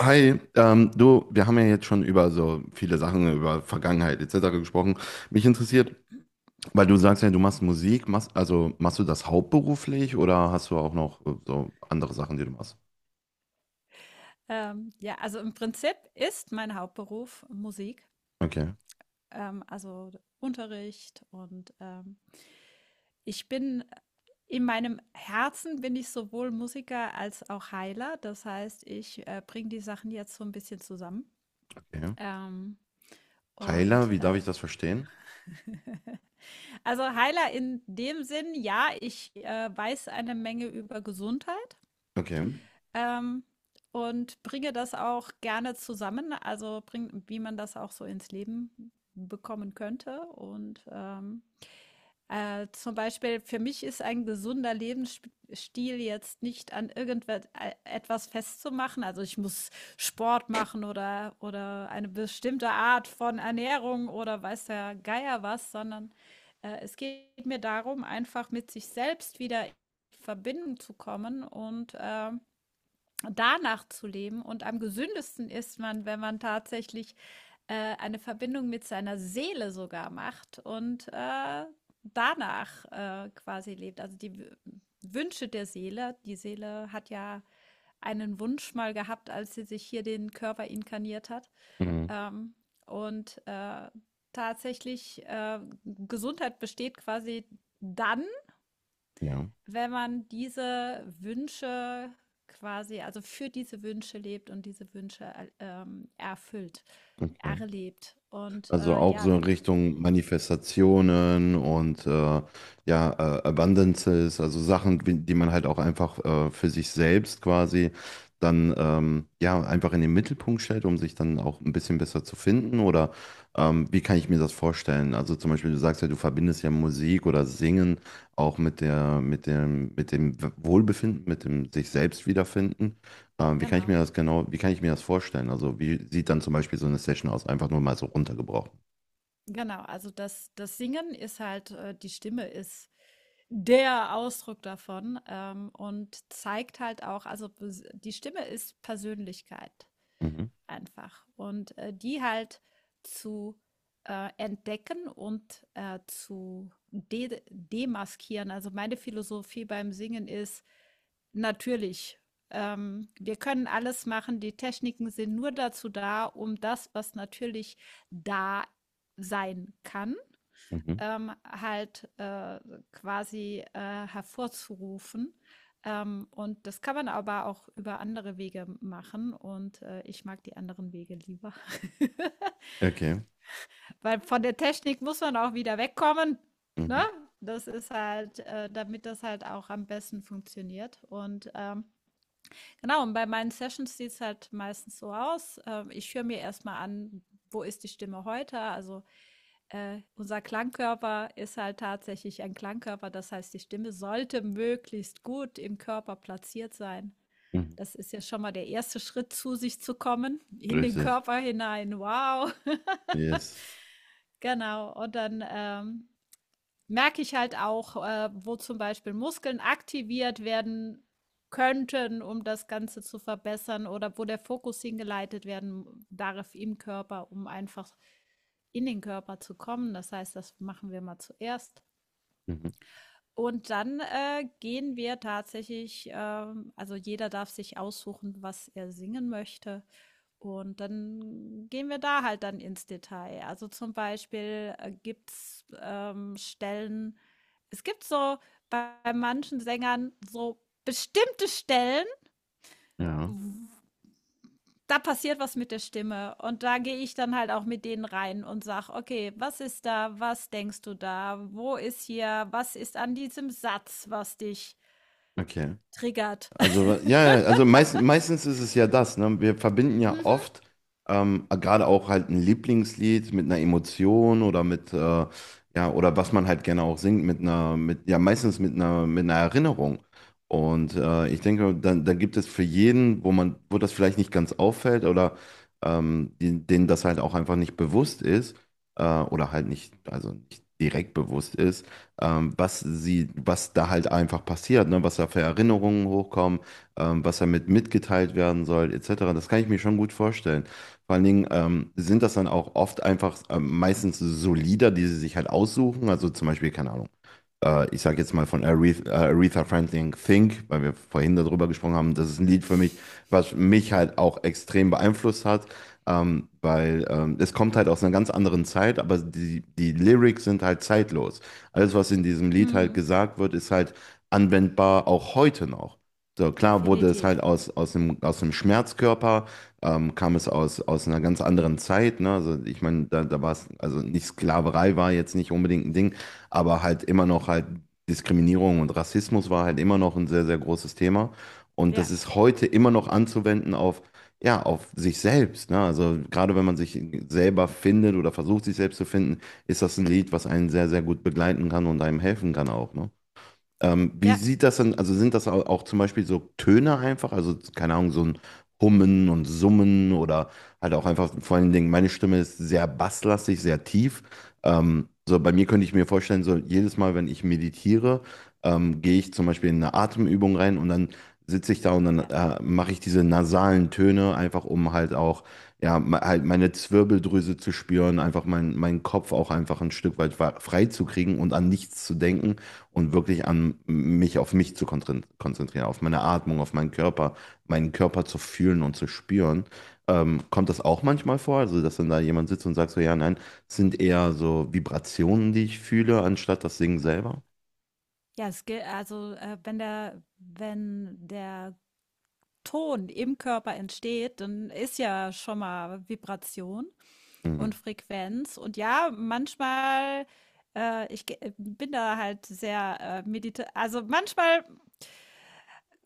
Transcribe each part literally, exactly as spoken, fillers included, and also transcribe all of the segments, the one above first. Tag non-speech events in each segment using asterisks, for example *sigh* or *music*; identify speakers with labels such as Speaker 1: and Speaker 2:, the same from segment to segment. Speaker 1: Hi, ähm, du, wir haben ja jetzt schon über so viele Sachen, über Vergangenheit et cetera gesprochen. Mich interessiert, weil du sagst ja, du machst Musik, machst, also machst du das hauptberuflich oder hast du auch noch äh, so andere Sachen, die du machst?
Speaker 2: Ähm, ja, also im Prinzip ist mein Hauptberuf Musik,
Speaker 1: Okay,
Speaker 2: ähm, also Unterricht und ähm, ich bin äh, in meinem Herzen bin ich sowohl Musiker als auch Heiler. Das heißt, ich äh, bringe die Sachen jetzt so ein bisschen zusammen.
Speaker 1: okay.
Speaker 2: Ähm,
Speaker 1: Heiler,
Speaker 2: und
Speaker 1: wie darf
Speaker 2: äh,
Speaker 1: ich das verstehen?
Speaker 2: also Heiler in dem Sinn, ja, ich äh, weiß eine Menge über Gesundheit.
Speaker 1: Okay.
Speaker 2: ähm, und bringe das auch gerne zusammen, also bring, wie man das auch so ins Leben bekommen könnte. Und ähm, äh, zum Beispiel für mich ist ein gesunder Lebensstil jetzt nicht an irgendetwas festzumachen. Also ich muss Sport machen oder, oder eine bestimmte Art von Ernährung oder weiß der Geier was, sondern äh, es geht mir darum, einfach mit sich selbst wieder in Verbindung zu kommen und äh, danach zu leben. Und am gesündesten ist man, wenn man tatsächlich äh, eine Verbindung mit seiner Seele sogar macht und äh, danach äh, quasi lebt. Also die W- Wünsche der Seele. Die Seele hat ja einen Wunsch mal gehabt, als sie sich hier den Körper inkarniert hat.
Speaker 1: Mhm.
Speaker 2: Ähm, und äh, tatsächlich, äh, Gesundheit besteht quasi dann,
Speaker 1: Ja,
Speaker 2: wenn man diese Wünsche quasi, also für diese Wünsche lebt und diese Wünsche äh, ähm, erfüllt,
Speaker 1: okay.
Speaker 2: erlebt. Und
Speaker 1: Also
Speaker 2: äh,
Speaker 1: auch
Speaker 2: ja,
Speaker 1: so in Richtung Manifestationen und äh, ja, äh, Abundances, also Sachen, wie- die man halt auch einfach äh, für sich selbst quasi dann ähm, ja einfach in den Mittelpunkt stellt, um sich dann auch ein bisschen besser zu finden. Oder ähm, wie kann ich mir das vorstellen? Also zum Beispiel, du sagst ja, du verbindest ja Musik oder Singen auch mit der, mit dem, mit dem Wohlbefinden, mit dem sich selbst wiederfinden. Ähm, wie kann ich
Speaker 2: genau,
Speaker 1: mir das genau, wie kann ich mir das vorstellen? Also wie sieht dann zum Beispiel so eine Session aus? Einfach nur mal so runtergebrochen.
Speaker 2: genau. Also das, das Singen ist halt, äh, die Stimme ist der Ausdruck davon ähm, und zeigt halt auch, also die Stimme ist Persönlichkeit
Speaker 1: Mhm.
Speaker 2: einfach. Und äh, die halt zu äh, entdecken und äh, zu de demaskieren. Also meine Philosophie beim Singen ist natürlich. Ähm, wir können alles machen, die Techniken sind nur dazu da, um das, was natürlich da sein kann,
Speaker 1: Mhm.
Speaker 2: ähm, halt äh, quasi äh, hervorzurufen. Ähm, und das kann man aber auch über andere Wege machen. Und äh, ich mag die anderen Wege lieber. *laughs*
Speaker 1: Okay.
Speaker 2: Weil von der Technik muss man auch wieder wegkommen. Ne?
Speaker 1: Mhm.
Speaker 2: Das ist halt, äh, damit das halt auch am besten funktioniert. Und ähm, genau, und bei meinen Sessions sieht es halt meistens so aus. Ähm, ich höre mir erstmal an, wo ist die Stimme heute? Also äh, unser Klangkörper ist halt tatsächlich ein Klangkörper. Das heißt, die Stimme sollte möglichst gut im Körper platziert sein.
Speaker 1: Mhm.
Speaker 2: Das ist ja schon mal der erste Schritt, zu sich zu kommen, in den
Speaker 1: Richtig.
Speaker 2: Körper hinein. Wow. *laughs*
Speaker 1: Yes.
Speaker 2: Genau. Und dann ähm, merke ich halt auch, äh, wo zum Beispiel Muskeln aktiviert werden könnten, um das Ganze zu verbessern oder wo der Fokus hingeleitet werden darf im Körper, um einfach in den Körper zu kommen. Das heißt, das machen wir mal zuerst.
Speaker 1: Mhm.
Speaker 2: Und dann äh, gehen wir tatsächlich, ähm, also jeder darf sich aussuchen, was er singen möchte. Und dann gehen wir da halt dann ins Detail. Also zum Beispiel äh, gibt es ähm, Stellen, es gibt so bei manchen Sängern so bestimmte Stellen,
Speaker 1: Ja.
Speaker 2: da passiert was mit der Stimme. Und da gehe ich dann halt auch mit denen rein und sage, okay, was ist da? Was denkst du da? Wo ist hier? Was ist an diesem Satz, was dich
Speaker 1: Okay.
Speaker 2: triggert? *laughs*
Speaker 1: Also, ja, ja, also meist, meistens ist es ja das, ne? Wir verbinden ja
Speaker 2: Mhm.
Speaker 1: oft ähm, gerade auch halt ein Lieblingslied mit einer Emotion oder mit, äh, ja, oder was man halt gerne auch singt, mit einer, mit, ja, meistens mit einer, mit einer Erinnerung. Und äh, ich denke, dann, dann gibt es für jeden, wo man, wo das vielleicht nicht ganz auffällt oder ähm, die, denen das halt auch einfach nicht bewusst ist, äh, oder halt nicht, also nicht direkt bewusst ist, ähm, was sie, was da halt einfach passiert, ne? Was da für Erinnerungen hochkommen, ähm, was damit mitgeteilt werden soll, et cetera. Das kann ich mir schon gut vorstellen. Vor allen Dingen ähm, sind das dann auch oft einfach ähm, meistens so Lieder, die sie sich halt aussuchen. Also zum Beispiel, keine Ahnung äh, ich sage jetzt mal von Aretha, äh, Aretha Franklin Think, weil wir vorhin darüber gesprochen haben, das ist ein Lied für mich, was mich halt auch extrem beeinflusst hat, ähm, weil ähm, es kommt halt aus einer ganz anderen Zeit, aber die, die Lyrics sind halt zeitlos. Alles, was in diesem Lied halt
Speaker 2: Mhm,
Speaker 1: gesagt wird, ist halt anwendbar auch heute noch. So, klar wurde es
Speaker 2: definitiv.
Speaker 1: halt aus, aus dem, aus dem Schmerzkörper, ähm, kam es aus, aus einer ganz anderen Zeit. Ne? Also ich meine, da, da war es, also nicht Sklaverei war jetzt nicht unbedingt ein Ding, aber halt immer noch halt Diskriminierung und Rassismus war halt immer noch ein sehr, sehr großes Thema. Und das
Speaker 2: Ja,
Speaker 1: ist heute immer noch anzuwenden auf, ja, auf sich selbst. Ne? Also gerade wenn man sich selber findet oder versucht, sich selbst zu finden, ist das ein Lied, was einen sehr, sehr gut begleiten kann und einem helfen kann auch. Ne? Ähm, wie
Speaker 2: ja,
Speaker 1: sieht das denn, also sind das au- auch zum Beispiel so Töne einfach, also keine Ahnung, so ein Hummen und Summen oder halt auch einfach vor allen Dingen, meine Stimme ist sehr basslastig, sehr tief. Ähm, so bei mir könnte ich mir vorstellen, so jedes Mal, wenn ich meditiere, ähm, gehe ich zum Beispiel in eine Atemübung rein und dann sitze ich da und dann
Speaker 2: ja.
Speaker 1: äh, mache ich diese nasalen Töne einfach, um halt auch, ja, me- halt meine Zwirbeldrüse zu spüren, einfach mein, meinen Kopf auch einfach ein Stück weit wa- frei zu kriegen und an nichts zu denken und wirklich an mich auf mich zu kontrin- konzentrieren, auf meine Atmung, auf meinen Körper, meinen Körper zu fühlen und zu spüren. Ähm, kommt das auch manchmal vor, also dass dann da jemand sitzt und sagt so, ja, nein, es sind eher so Vibrationen, die ich fühle, anstatt das Singen selber?
Speaker 2: Ja, es gilt, also äh, wenn der, wenn der Ton im Körper entsteht, dann ist ja schon mal Vibration und
Speaker 1: Mhm.
Speaker 2: Frequenz. Und ja, manchmal, äh, ich ge- äh, bin da halt sehr äh, medita, also manchmal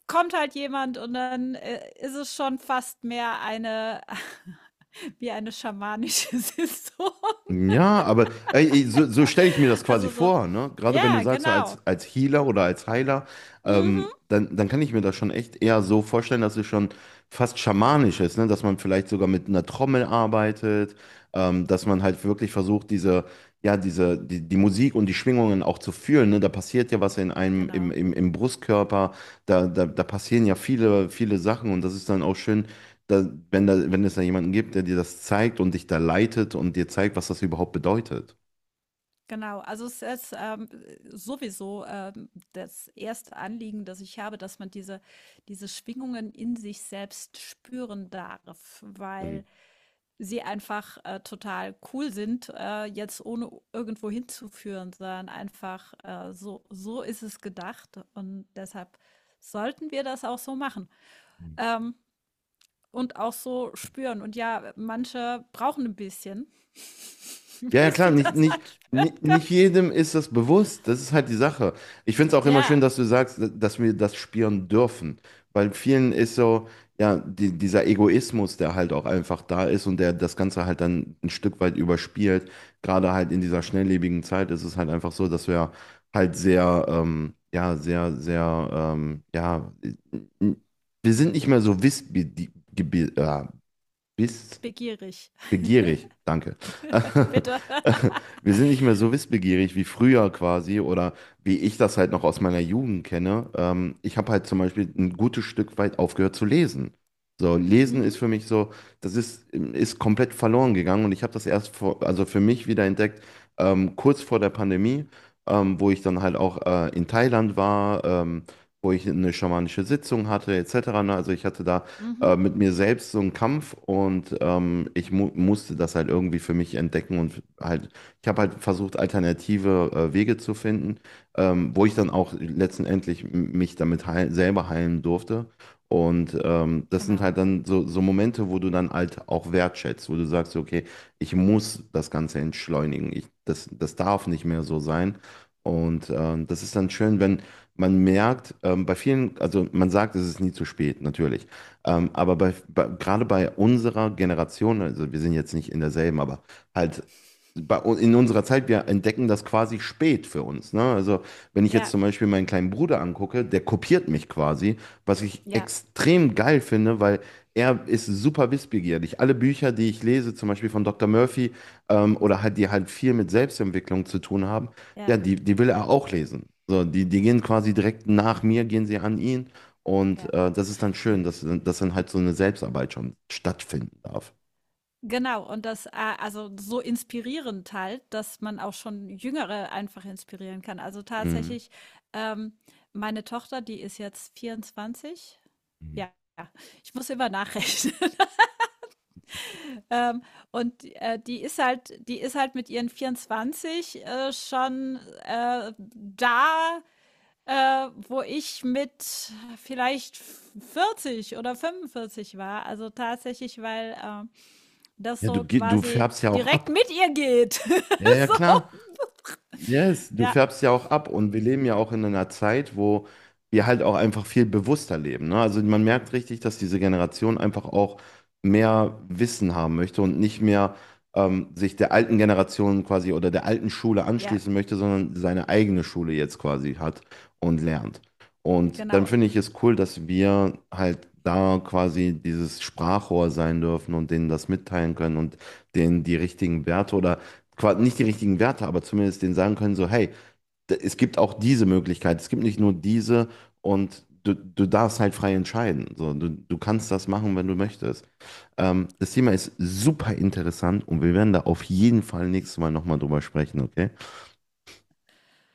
Speaker 2: kommt halt jemand und dann äh, ist es schon fast mehr eine, *laughs* wie eine schamanische *laughs* Saison.
Speaker 1: Ja, aber ey, so, so stelle ich mir das quasi
Speaker 2: Also so,
Speaker 1: vor, ne? Gerade wenn du
Speaker 2: ja,
Speaker 1: sagst, so als,
Speaker 2: genau.
Speaker 1: als Healer oder als Heiler,
Speaker 2: Mhm,
Speaker 1: ähm, dann, dann kann ich mir das schon echt eher so vorstellen, dass es schon fast schamanisch ist, ne? Dass man vielleicht sogar mit einer Trommel arbeitet, ähm, dass man halt wirklich versucht, diese, ja, diese, die, die Musik und die Schwingungen auch zu fühlen, ne? Da passiert ja was in einem, im,
Speaker 2: genau.
Speaker 1: im, im Brustkörper, da, da, da passieren ja viele, viele Sachen und das ist dann auch schön da, wenn da, wenn es da jemanden gibt, der dir das zeigt und dich da leitet und dir zeigt, was das überhaupt bedeutet.
Speaker 2: Genau, also es ist ähm, sowieso ähm, das erste Anliegen, das ich habe, dass man diese, diese Schwingungen in sich selbst spüren darf,
Speaker 1: Mhm.
Speaker 2: weil sie einfach äh, total cool sind, äh, jetzt ohne irgendwo hinzuführen, sondern einfach äh, so, so ist es gedacht und deshalb sollten wir das auch so machen ähm, und auch so spüren. Und ja, manche brauchen ein bisschen, *laughs*
Speaker 1: Ja, ja,
Speaker 2: bis
Speaker 1: klar,
Speaker 2: sie
Speaker 1: nicht,
Speaker 2: das
Speaker 1: nicht,
Speaker 2: halt spüren
Speaker 1: nicht,
Speaker 2: können.
Speaker 1: nicht jedem ist das bewusst. Das ist halt die Sache. Ich finde es auch immer
Speaker 2: Ja,
Speaker 1: schön, dass du sagst, dass wir das spüren dürfen. Weil vielen ist so, ja, die, dieser Egoismus, der halt auch einfach da ist und der das Ganze halt dann ein Stück weit überspielt. Gerade halt in dieser schnelllebigen Zeit ist es halt einfach so, dass wir halt sehr, ähm, ja, sehr, sehr, ähm, ja, wir sind nicht mehr so wissbegierig, äh, biss,
Speaker 2: begierig. *laughs*
Speaker 1: begierig, danke.
Speaker 2: Bitte.
Speaker 1: *laughs*
Speaker 2: *laughs*
Speaker 1: Wir sind nicht mehr so wissbegierig wie früher quasi oder wie ich das halt noch aus meiner Jugend kenne. Ähm, ich habe halt zum Beispiel ein gutes Stück weit aufgehört zu lesen. So, Lesen ist
Speaker 2: Mhm.
Speaker 1: für mich so, das ist, ist komplett verloren gegangen und ich habe das erst vor, also für mich wieder entdeckt, ähm, kurz vor der Pandemie, ähm, wo ich dann halt auch äh, in Thailand war, ähm, wo ich eine schamanische Sitzung hatte, et cetera Ne? Also ich hatte da äh,
Speaker 2: Mhm.
Speaker 1: mit mir selbst so einen Kampf und ähm, ich mu musste das halt irgendwie für mich entdecken und halt, ich habe halt versucht, alternative äh, Wege zu finden, ähm, wo ich dann auch letztendlich m- mich damit heil selber heilen durfte. Und ähm, das sind
Speaker 2: Genau.
Speaker 1: halt dann so, so Momente, wo du dann halt auch wertschätzt, wo du sagst, okay, ich muss das Ganze entschleunigen, ich, das, das darf nicht mehr so sein. Und ähm, das ist dann schön, wenn man merkt, ähm, bei vielen, also man sagt, es ist nie zu spät, natürlich. Ähm, aber bei, bei, gerade bei unserer Generation, also wir sind jetzt nicht in derselben, aber halt bei, u- in unserer Zeit, wir entdecken das quasi spät für uns. Ne? Also wenn ich jetzt
Speaker 2: Ja,
Speaker 1: zum Beispiel meinen kleinen Bruder angucke, der kopiert mich quasi, was ich
Speaker 2: ja,
Speaker 1: extrem geil finde, weil er ist super wissbegierig. Alle Bücher, die ich lese, zum Beispiel von Doktor Murphy ähm, oder halt die halt viel mit Selbstentwicklung zu tun haben,
Speaker 2: ja,
Speaker 1: ja, die, die will er auch lesen. So, die, die gehen quasi direkt nach mir, gehen sie an ihn. Und
Speaker 2: ja.
Speaker 1: äh, das ist dann schön, dass, dass dann halt so eine Selbstarbeit schon stattfinden darf.
Speaker 2: Genau, und das, ah, also so inspirierend halt, dass man auch schon Jüngere einfach inspirieren kann. Also
Speaker 1: Mhm.
Speaker 2: tatsächlich, ähm, meine Tochter, die ist jetzt vierundzwanzig.
Speaker 1: Mhm.
Speaker 2: Ja, ich muss immer nachrechnen. *laughs* Ähm, und äh, Die ist halt, die ist halt mit ihren vierundzwanzig äh, schon äh, da Äh, wo ich mit vielleicht vierzig oder fünfundvierzig war. Also tatsächlich, weil, ähm, das
Speaker 1: Ja,
Speaker 2: so
Speaker 1: du, ge- du
Speaker 2: quasi
Speaker 1: färbst ja auch
Speaker 2: direkt
Speaker 1: ab.
Speaker 2: mit ihr geht.
Speaker 1: Ja,
Speaker 2: *laughs*
Speaker 1: ja, klar.
Speaker 2: So.
Speaker 1: Yes, du
Speaker 2: Ja,
Speaker 1: färbst ja auch ab und wir leben ja auch in einer Zeit, wo wir halt auch einfach viel bewusster leben, ne? Also man merkt richtig, dass diese Generation einfach auch mehr Wissen haben möchte und nicht mehr ähm, sich der alten Generation quasi oder der alten Schule
Speaker 2: ja,
Speaker 1: anschließen möchte, sondern seine eigene Schule jetzt quasi hat und lernt. Und dann
Speaker 2: genau,
Speaker 1: finde ich es cool, dass wir halt da quasi dieses Sprachrohr sein dürfen und denen das mitteilen können und denen die richtigen Werte oder quasi nicht die richtigen Werte, aber zumindest denen sagen können, so, hey, d- es gibt auch diese Möglichkeit, es gibt nicht nur diese und du, du darfst halt frei entscheiden. So, du, du kannst das machen, wenn du
Speaker 2: ja.
Speaker 1: möchtest. Ähm, das Thema ist super interessant und wir werden da auf jeden Fall nächstes Mal nochmal drüber sprechen, okay?